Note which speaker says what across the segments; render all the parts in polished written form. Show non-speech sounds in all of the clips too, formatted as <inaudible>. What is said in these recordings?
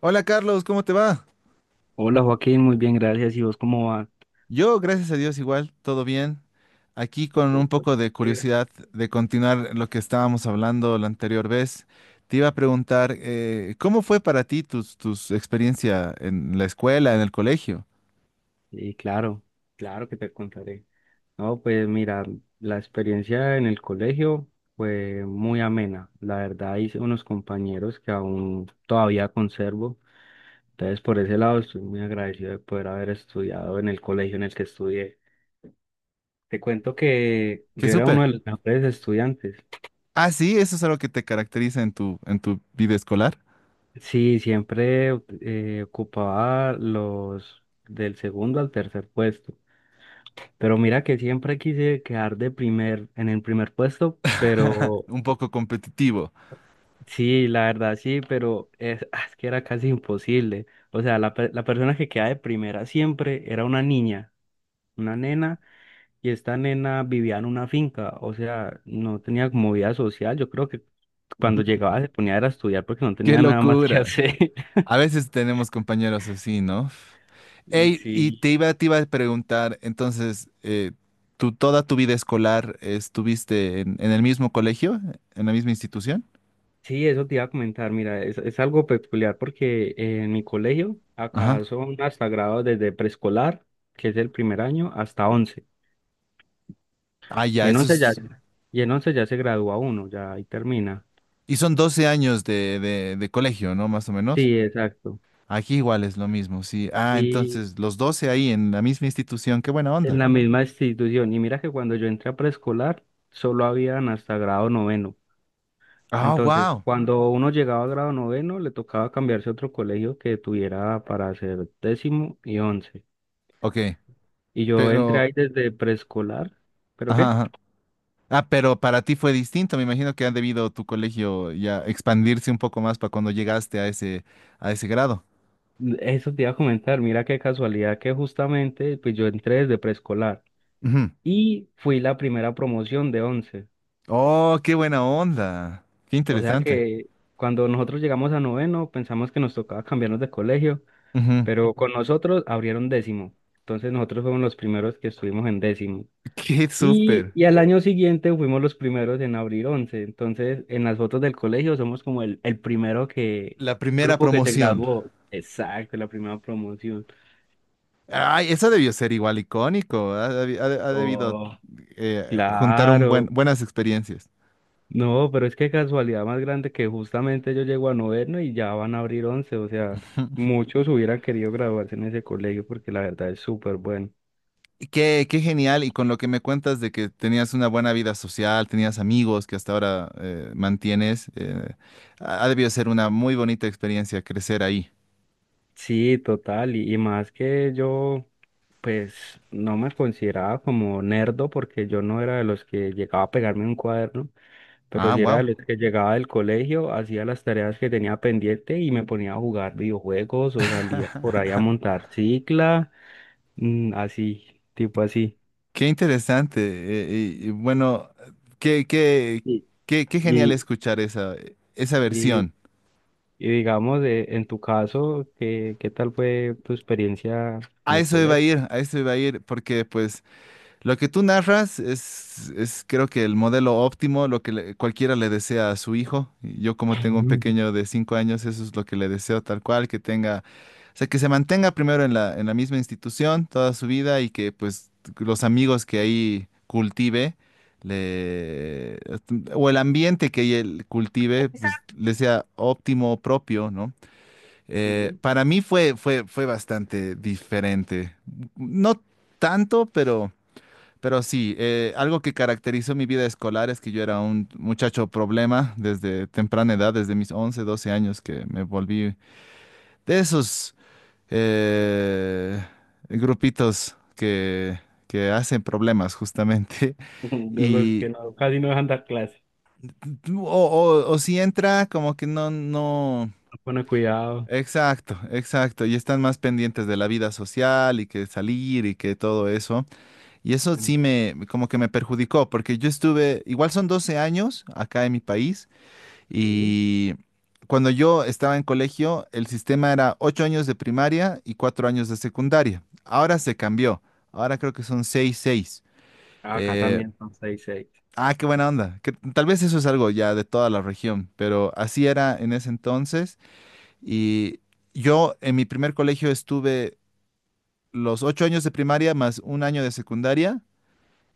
Speaker 1: Hola Carlos, ¿cómo te va?
Speaker 2: Hola Joaquín, muy bien, gracias. ¿Y vos cómo va?
Speaker 1: Yo, gracias a Dios, igual, todo bien. Aquí con un poco de curiosidad de continuar lo que estábamos hablando la anterior vez. Te iba a preguntar, ¿cómo fue para ti tus experiencia en la escuela, en el colegio?
Speaker 2: Sí, claro, claro que te contaré. No, pues mira, la experiencia en el colegio fue muy amena. La verdad hice unos compañeros que aún todavía conservo. Entonces por ese lado estoy muy agradecido de poder haber estudiado en el colegio en el que estudié. Te cuento que
Speaker 1: ¡Qué
Speaker 2: yo era uno
Speaker 1: súper!
Speaker 2: de los mejores estudiantes.
Speaker 1: Ah, sí, eso es algo que te caracteriza en tu vida escolar.
Speaker 2: Sí, siempre ocupaba los del segundo al tercer puesto. Pero mira que siempre quise quedar de primer, en el primer puesto,
Speaker 1: <laughs>
Speaker 2: pero
Speaker 1: Un poco competitivo.
Speaker 2: sí, la verdad sí, pero es, es que era casi imposible. O sea, la persona que queda de primera siempre era una niña, una nena, y esta nena vivía en una finca, o sea, no tenía como vida social. Yo creo que cuando llegaba se ponía era a estudiar porque no
Speaker 1: ¡Qué
Speaker 2: tenía nada más que
Speaker 1: locura!
Speaker 2: hacer. <laughs>
Speaker 1: A veces tenemos compañeros así, ¿no? Ey, y
Speaker 2: Sí.
Speaker 1: te iba a preguntar, entonces, ¿tú toda tu vida escolar estuviste en el mismo colegio, en la misma institución?
Speaker 2: Sí, eso te iba a comentar, mira, es algo peculiar porque en mi colegio
Speaker 1: Ajá.
Speaker 2: acá son hasta grados desde preescolar, que es el primer año, hasta 11.
Speaker 1: Ah,
Speaker 2: Y
Speaker 1: ya,
Speaker 2: en
Speaker 1: eso
Speaker 2: 11 ya,
Speaker 1: es...
Speaker 2: y en 11 ya se gradúa uno, ya ahí termina.
Speaker 1: Y son 12 años de colegio, ¿no? Más o menos.
Speaker 2: Sí, exacto.
Speaker 1: Aquí igual es lo mismo, sí. Ah,
Speaker 2: Y
Speaker 1: entonces, los 12 ahí en la misma institución, qué buena
Speaker 2: en
Speaker 1: onda.
Speaker 2: la misma institución. Y mira que cuando yo entré a preescolar, solo habían hasta grado noveno.
Speaker 1: Ah,
Speaker 2: Entonces,
Speaker 1: wow.
Speaker 2: cuando uno llegaba a grado noveno, le tocaba cambiarse a otro colegio que tuviera para hacer décimo y once.
Speaker 1: Ok,
Speaker 2: Y yo entré
Speaker 1: pero...
Speaker 2: ahí desde preescolar, ¿pero qué?
Speaker 1: Ajá, ah, pero para ti fue distinto. Me imagino que ha debido tu colegio ya expandirse un poco más para cuando llegaste a ese grado.
Speaker 2: Eso te iba a comentar, mira qué casualidad que justamente pues yo entré desde preescolar
Speaker 1: Ujú.
Speaker 2: y fui la primera promoción de 11.
Speaker 1: Oh, qué buena onda. Qué
Speaker 2: O sea
Speaker 1: interesante.
Speaker 2: que cuando nosotros llegamos a noveno pensamos que nos tocaba cambiarnos de colegio,
Speaker 1: Ujú.
Speaker 2: pero con nosotros abrieron décimo. Entonces nosotros fuimos los primeros que estuvimos en décimo.
Speaker 1: Qué
Speaker 2: Y,
Speaker 1: súper.
Speaker 2: y al año siguiente fuimos los primeros en abrir once. Entonces, en las fotos del colegio somos como el primero que,
Speaker 1: La primera
Speaker 2: grupo que se
Speaker 1: promoción.
Speaker 2: graduó. Exacto, la primera promoción.
Speaker 1: Ay, eso debió ser igual icónico. Ha debido
Speaker 2: Oh,
Speaker 1: juntar
Speaker 2: claro.
Speaker 1: buenas experiencias.
Speaker 2: No, pero es que casualidad más grande que justamente yo llego a noveno y ya van a abrir once. O sea, muchos hubieran querido graduarse en ese colegio porque la verdad es súper bueno.
Speaker 1: Qué genial, y con lo que me cuentas de que tenías una buena vida social, tenías amigos que hasta ahora mantienes, ha debido ser una muy bonita experiencia crecer ahí.
Speaker 2: Sí, total. Y más que yo. Pues no me consideraba como nerdo porque yo no era de los que llegaba a pegarme un cuaderno, pero
Speaker 1: Ah,
Speaker 2: sí era de
Speaker 1: wow,
Speaker 2: los que llegaba del colegio, hacía las tareas que tenía pendiente y me ponía a jugar videojuegos o salía por ahí a montar cicla, mm, así, tipo así.
Speaker 1: qué interesante. Y bueno, qué, qué,
Speaker 2: Y,
Speaker 1: qué genial
Speaker 2: y,
Speaker 1: escuchar esa
Speaker 2: y,
Speaker 1: versión.
Speaker 2: y digamos, en tu caso, ¿qué, qué tal fue tu experiencia en
Speaker 1: A
Speaker 2: el
Speaker 1: eso iba a
Speaker 2: colegio?
Speaker 1: ir, porque pues lo que tú narras es creo que el modelo óptimo, cualquiera le desea a su hijo. Y yo como tengo un pequeño
Speaker 2: <laughs>
Speaker 1: de 5 años, eso es lo que le deseo tal cual, que tenga, o sea, que se mantenga primero en la misma institución toda su vida y que pues los amigos que ahí cultive, le, o el ambiente que él cultive, pues le sea óptimo, propio, ¿no? Eh,
Speaker 2: Sí.
Speaker 1: para mí fue bastante diferente. No tanto, pero... Pero sí, algo que caracterizó mi vida escolar es que yo era un muchacho problema desde temprana edad, desde mis 11, 12 años, que me volví de esos eh, grupitos que hacen problemas justamente.
Speaker 2: <laughs>
Speaker 1: <laughs>
Speaker 2: De los que
Speaker 1: Y,
Speaker 2: no, casi no dejan dar clases,
Speaker 1: o si entra, como que no, no.
Speaker 2: no pone cuidado.
Speaker 1: Exacto, exacto. Y están más pendientes de la vida social y que salir y que todo eso. Y eso
Speaker 2: Mm.
Speaker 1: sí me, como que me perjudicó, porque yo estuve, igual son 12 años acá en mi país,
Speaker 2: Sí.
Speaker 1: y cuando yo estaba en colegio, el sistema era 8 años de primaria y 4 años de secundaria. Ahora se cambió, ahora creo que son 6 seis.
Speaker 2: Ah, acá
Speaker 1: Eh,
Speaker 2: también son seis seis.
Speaker 1: qué buena onda. Que tal vez eso es algo ya de toda la región, pero así era en ese entonces. Y yo en mi primer colegio estuve los 8 años de primaria más un año de secundaria.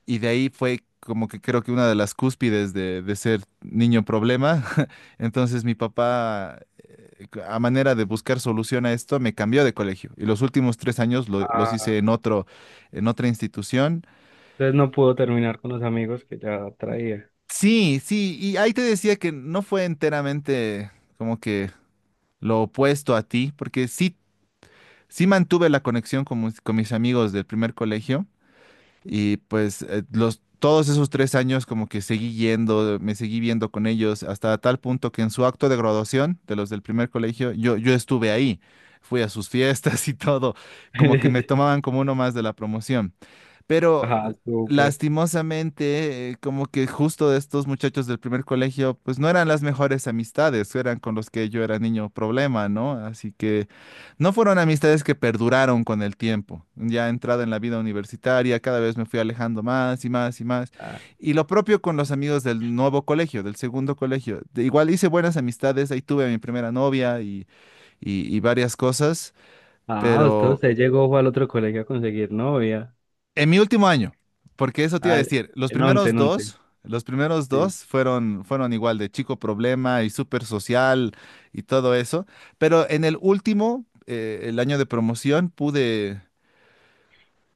Speaker 1: Y de ahí fue como que creo que una de las cúspides de ser niño problema. <laughs> Entonces mi papá, a manera de buscar solución a esto, me cambió de colegio. Y los últimos 3 años los hice
Speaker 2: Ah,
Speaker 1: en otra institución.
Speaker 2: entonces no pudo terminar con los amigos que ya traía.
Speaker 1: Sí, sí, y ahí te decía que no fue enteramente como que lo opuesto a ti, porque sí, sí mantuve la conexión con mis amigos del primer colegio. Y pues todos esos tres años como que seguí yendo, me seguí viendo con ellos, hasta tal punto que en su acto de graduación de los del primer colegio, yo estuve ahí, fui a sus fiestas <laughs> y todo, como que me
Speaker 2: <laughs>
Speaker 1: tomaban como uno más de la promoción. Pero
Speaker 2: Ah, súper.
Speaker 1: lastimosamente, como que justo de estos muchachos del primer colegio, pues no eran las mejores amistades, eran con los que yo era niño problema, ¿no? Así que no fueron amistades que perduraron con el tiempo. Ya entrado en la vida universitaria, cada vez me fui alejando más y más y más.
Speaker 2: Ah,
Speaker 1: Y lo propio con los amigos del nuevo colegio, del segundo colegio. Igual hice buenas amistades, ahí tuve a mi primera novia y, y varias cosas,
Speaker 2: ah, usted,
Speaker 1: pero...
Speaker 2: usted llegó fue al otro colegio a conseguir novia.
Speaker 1: En mi último año, porque eso te iba a
Speaker 2: Ah,
Speaker 1: decir,
Speaker 2: en 11 en 11.
Speaker 1: los primeros
Speaker 2: Sí.
Speaker 1: dos fueron igual de chico problema y súper social y todo eso, pero en el último, el año de promoción, pude,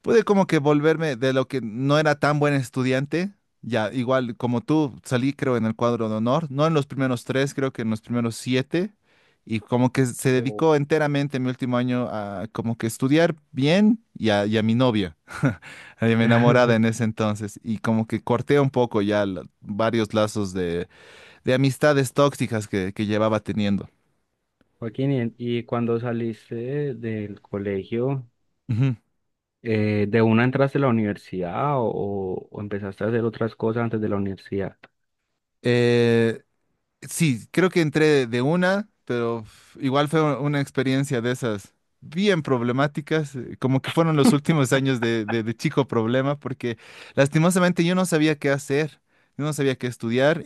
Speaker 1: pude como que volverme de lo que no era tan buen estudiante, ya igual como tú, salí creo en el cuadro de honor, no en los primeros tres, creo que en los primeros siete, y como que se
Speaker 2: Oh.
Speaker 1: dedicó enteramente mi último año a como que estudiar bien y a mi novia, mi enamorada en
Speaker 2: <laughs>
Speaker 1: ese entonces y como que corté un poco ya varios lazos de amistades tóxicas que llevaba teniendo.
Speaker 2: Joaquín, y cuando saliste del colegio,
Speaker 1: Ujú.
Speaker 2: ¿de una entraste a la universidad o empezaste a hacer otras cosas antes de la universidad?
Speaker 1: Eh, sí, creo que entré de una, pero igual fue una experiencia de esas bien problemáticas, como que fueron los últimos años de chico problema, porque lastimosamente yo no sabía qué hacer, yo no sabía qué estudiar.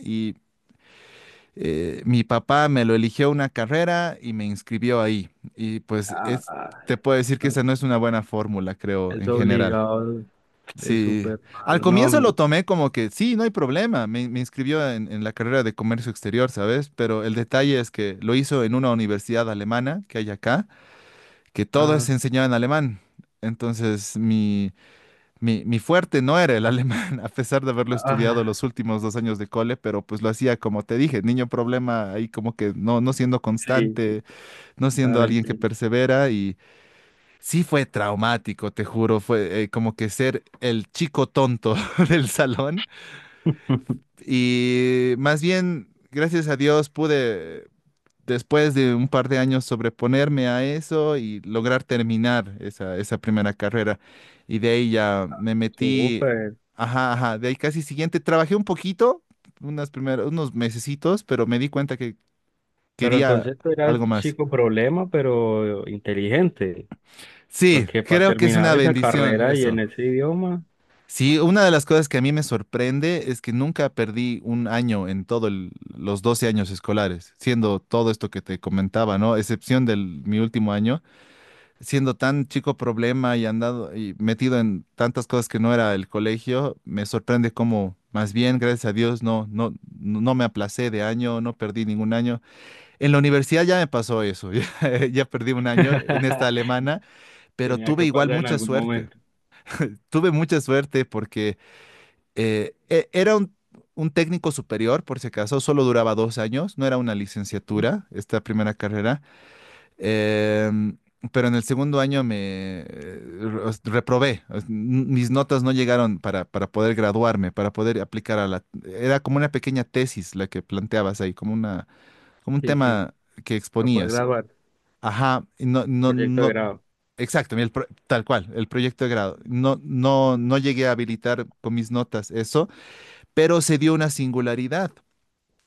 Speaker 1: Mi papá me lo eligió una carrera y me inscribió ahí. Y pues
Speaker 2: Ah, ah,
Speaker 1: te puedo decir que
Speaker 2: no,
Speaker 1: esa no es una buena fórmula, creo, en
Speaker 2: eso
Speaker 1: general.
Speaker 2: obligado es
Speaker 1: Sí,
Speaker 2: súper
Speaker 1: al
Speaker 2: malo.
Speaker 1: comienzo lo
Speaker 2: No,
Speaker 1: tomé como que sí, no hay problema, me inscribió en la carrera de comercio exterior, ¿sabes? Pero el detalle es que lo hizo en una universidad alemana que hay acá, que todo es
Speaker 2: ah,
Speaker 1: enseñado en alemán. Entonces, mi fuerte no era el alemán, <laughs> a pesar de haberlo estudiado
Speaker 2: ah.
Speaker 1: los últimos 2 años de cole, pero pues lo hacía como te dije, niño problema ahí como que no, no siendo
Speaker 2: Sí, sí,
Speaker 1: constante, no siendo
Speaker 2: ahora
Speaker 1: alguien que
Speaker 2: entiendo.
Speaker 1: persevera y sí fue traumático, te juro, fue como que ser el chico tonto <laughs> del salón
Speaker 2: <laughs>
Speaker 1: y más bien, gracias a Dios, pude después de un par de años sobreponerme a eso y lograr terminar esa primera carrera. Y de ahí ya me metí,
Speaker 2: Súper.
Speaker 1: ajá, ajá, de ahí casi siguiente, trabajé un poquito, unos mesecitos, pero me di cuenta que
Speaker 2: Pero
Speaker 1: quería
Speaker 2: entonces tú eras
Speaker 1: algo más.
Speaker 2: chico problema, pero inteligente,
Speaker 1: Sí,
Speaker 2: porque para
Speaker 1: creo que es una
Speaker 2: terminar esa
Speaker 1: bendición
Speaker 2: carrera y en
Speaker 1: eso.
Speaker 2: ese idioma
Speaker 1: Sí, una de las cosas que a mí me sorprende es que nunca perdí un año en todos los 12 años escolares, siendo todo esto que te comentaba, ¿no? Excepción del mi último año siendo tan chico problema y andado y metido en tantas cosas que no era el colegio, me sorprende cómo más bien, gracias a Dios, no, no, no me aplacé de año, no perdí ningún año. En la universidad ya me pasó eso, <laughs> ya perdí un año en esta
Speaker 2: <laughs>
Speaker 1: alemana, pero
Speaker 2: tenía
Speaker 1: tuve
Speaker 2: que
Speaker 1: igual
Speaker 2: pasar en
Speaker 1: mucha
Speaker 2: algún
Speaker 1: suerte.
Speaker 2: momento.
Speaker 1: Tuve mucha suerte porque era un técnico superior, por si acaso, solo duraba 2 años, no era una licenciatura, esta primera carrera. Em, pero en el segundo año me reprobé. Mis notas no llegaron para poder graduarme, para poder aplicar a la... Era como una pequeña tesis la que planteabas ahí, como un
Speaker 2: Sí, sí,
Speaker 1: tema que
Speaker 2: para poder
Speaker 1: exponías.
Speaker 2: graduar,
Speaker 1: Ajá, y no, no,
Speaker 2: proyecto de
Speaker 1: no.
Speaker 2: grado,
Speaker 1: Exacto, tal cual, el proyecto de grado. No, no, no llegué a habilitar con mis notas eso, pero se dio una singularidad.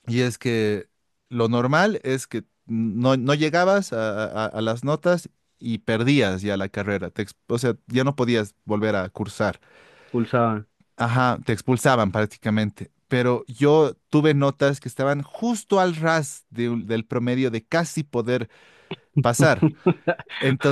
Speaker 1: Y es que lo normal es que no, no llegabas a las notas y perdías ya la carrera. O sea, ya no podías volver a cursar.
Speaker 2: pulsaban.
Speaker 1: Ajá, te expulsaban prácticamente. Pero yo tuve notas que estaban justo al ras del promedio de casi poder pasar.
Speaker 2: <laughs>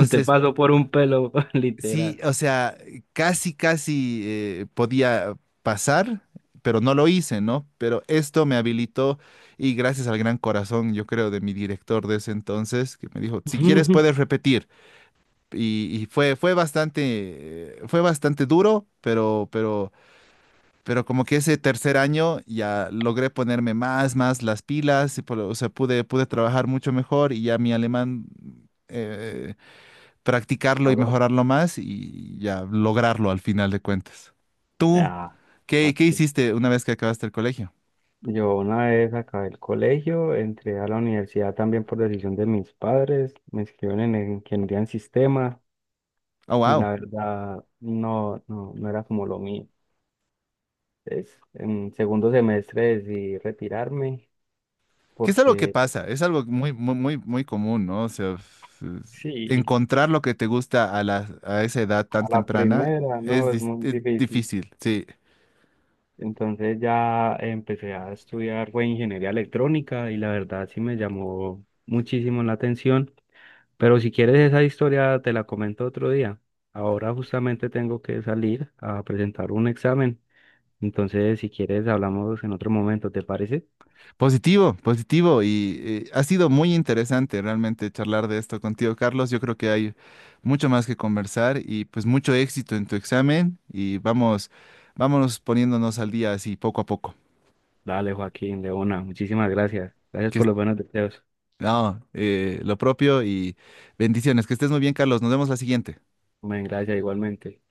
Speaker 2: Usted pasó por un pelo, <laughs>
Speaker 1: sí,
Speaker 2: literal.
Speaker 1: o sea, casi, casi podía pasar, pero no lo hice, ¿no? Pero esto me habilitó y gracias al gran corazón, yo creo, de mi director de ese entonces, que me dijo, si quieres
Speaker 2: <laughs>
Speaker 1: puedes repetir. Y fue bastante duro, pero como que ese tercer año ya logré ponerme más las pilas, o sea, pude trabajar mucho mejor y ya mi alemán, eh, practicarlo y
Speaker 2: Oro.
Speaker 1: mejorarlo más y ya lograrlo al final de cuentas. ¿Tú
Speaker 2: Ah,
Speaker 1: qué
Speaker 2: aquí.
Speaker 1: hiciste una vez que acabaste el colegio?
Speaker 2: Yo una vez acabé el colegio, entré a la universidad también por decisión de mis padres, me inscribieron en ingeniería en sistemas
Speaker 1: Oh,
Speaker 2: y
Speaker 1: wow.
Speaker 2: la verdad no, no, no era como lo mío. Entonces, en segundo semestre decidí retirarme
Speaker 1: Que es algo que
Speaker 2: porque
Speaker 1: pasa, es algo muy, muy, muy, muy común, ¿no? O sea,
Speaker 2: sí,
Speaker 1: encontrar lo que te gusta a esa edad tan
Speaker 2: a la
Speaker 1: temprana
Speaker 2: primera no es muy
Speaker 1: es
Speaker 2: difícil.
Speaker 1: difícil, sí.
Speaker 2: Entonces ya empecé a estudiar fue ingeniería electrónica y la verdad sí me llamó muchísimo la atención. Pero si quieres esa historia, te la comento otro día. Ahora justamente tengo que salir a presentar un examen. Entonces, si quieres, hablamos en otro momento, ¿te parece?
Speaker 1: Positivo, positivo. Y ha sido muy interesante realmente charlar de esto contigo, Carlos. Yo creo que hay mucho más que conversar y pues mucho éxito en tu examen y vámonos poniéndonos al día así poco a poco.
Speaker 2: Dale, Joaquín, Leona, muchísimas gracias. Gracias
Speaker 1: Que
Speaker 2: por
Speaker 1: es-
Speaker 2: los buenos deseos.
Speaker 1: no, lo propio y bendiciones. Que estés muy bien, Carlos. Nos vemos la siguiente.
Speaker 2: Hombre, gracias igualmente.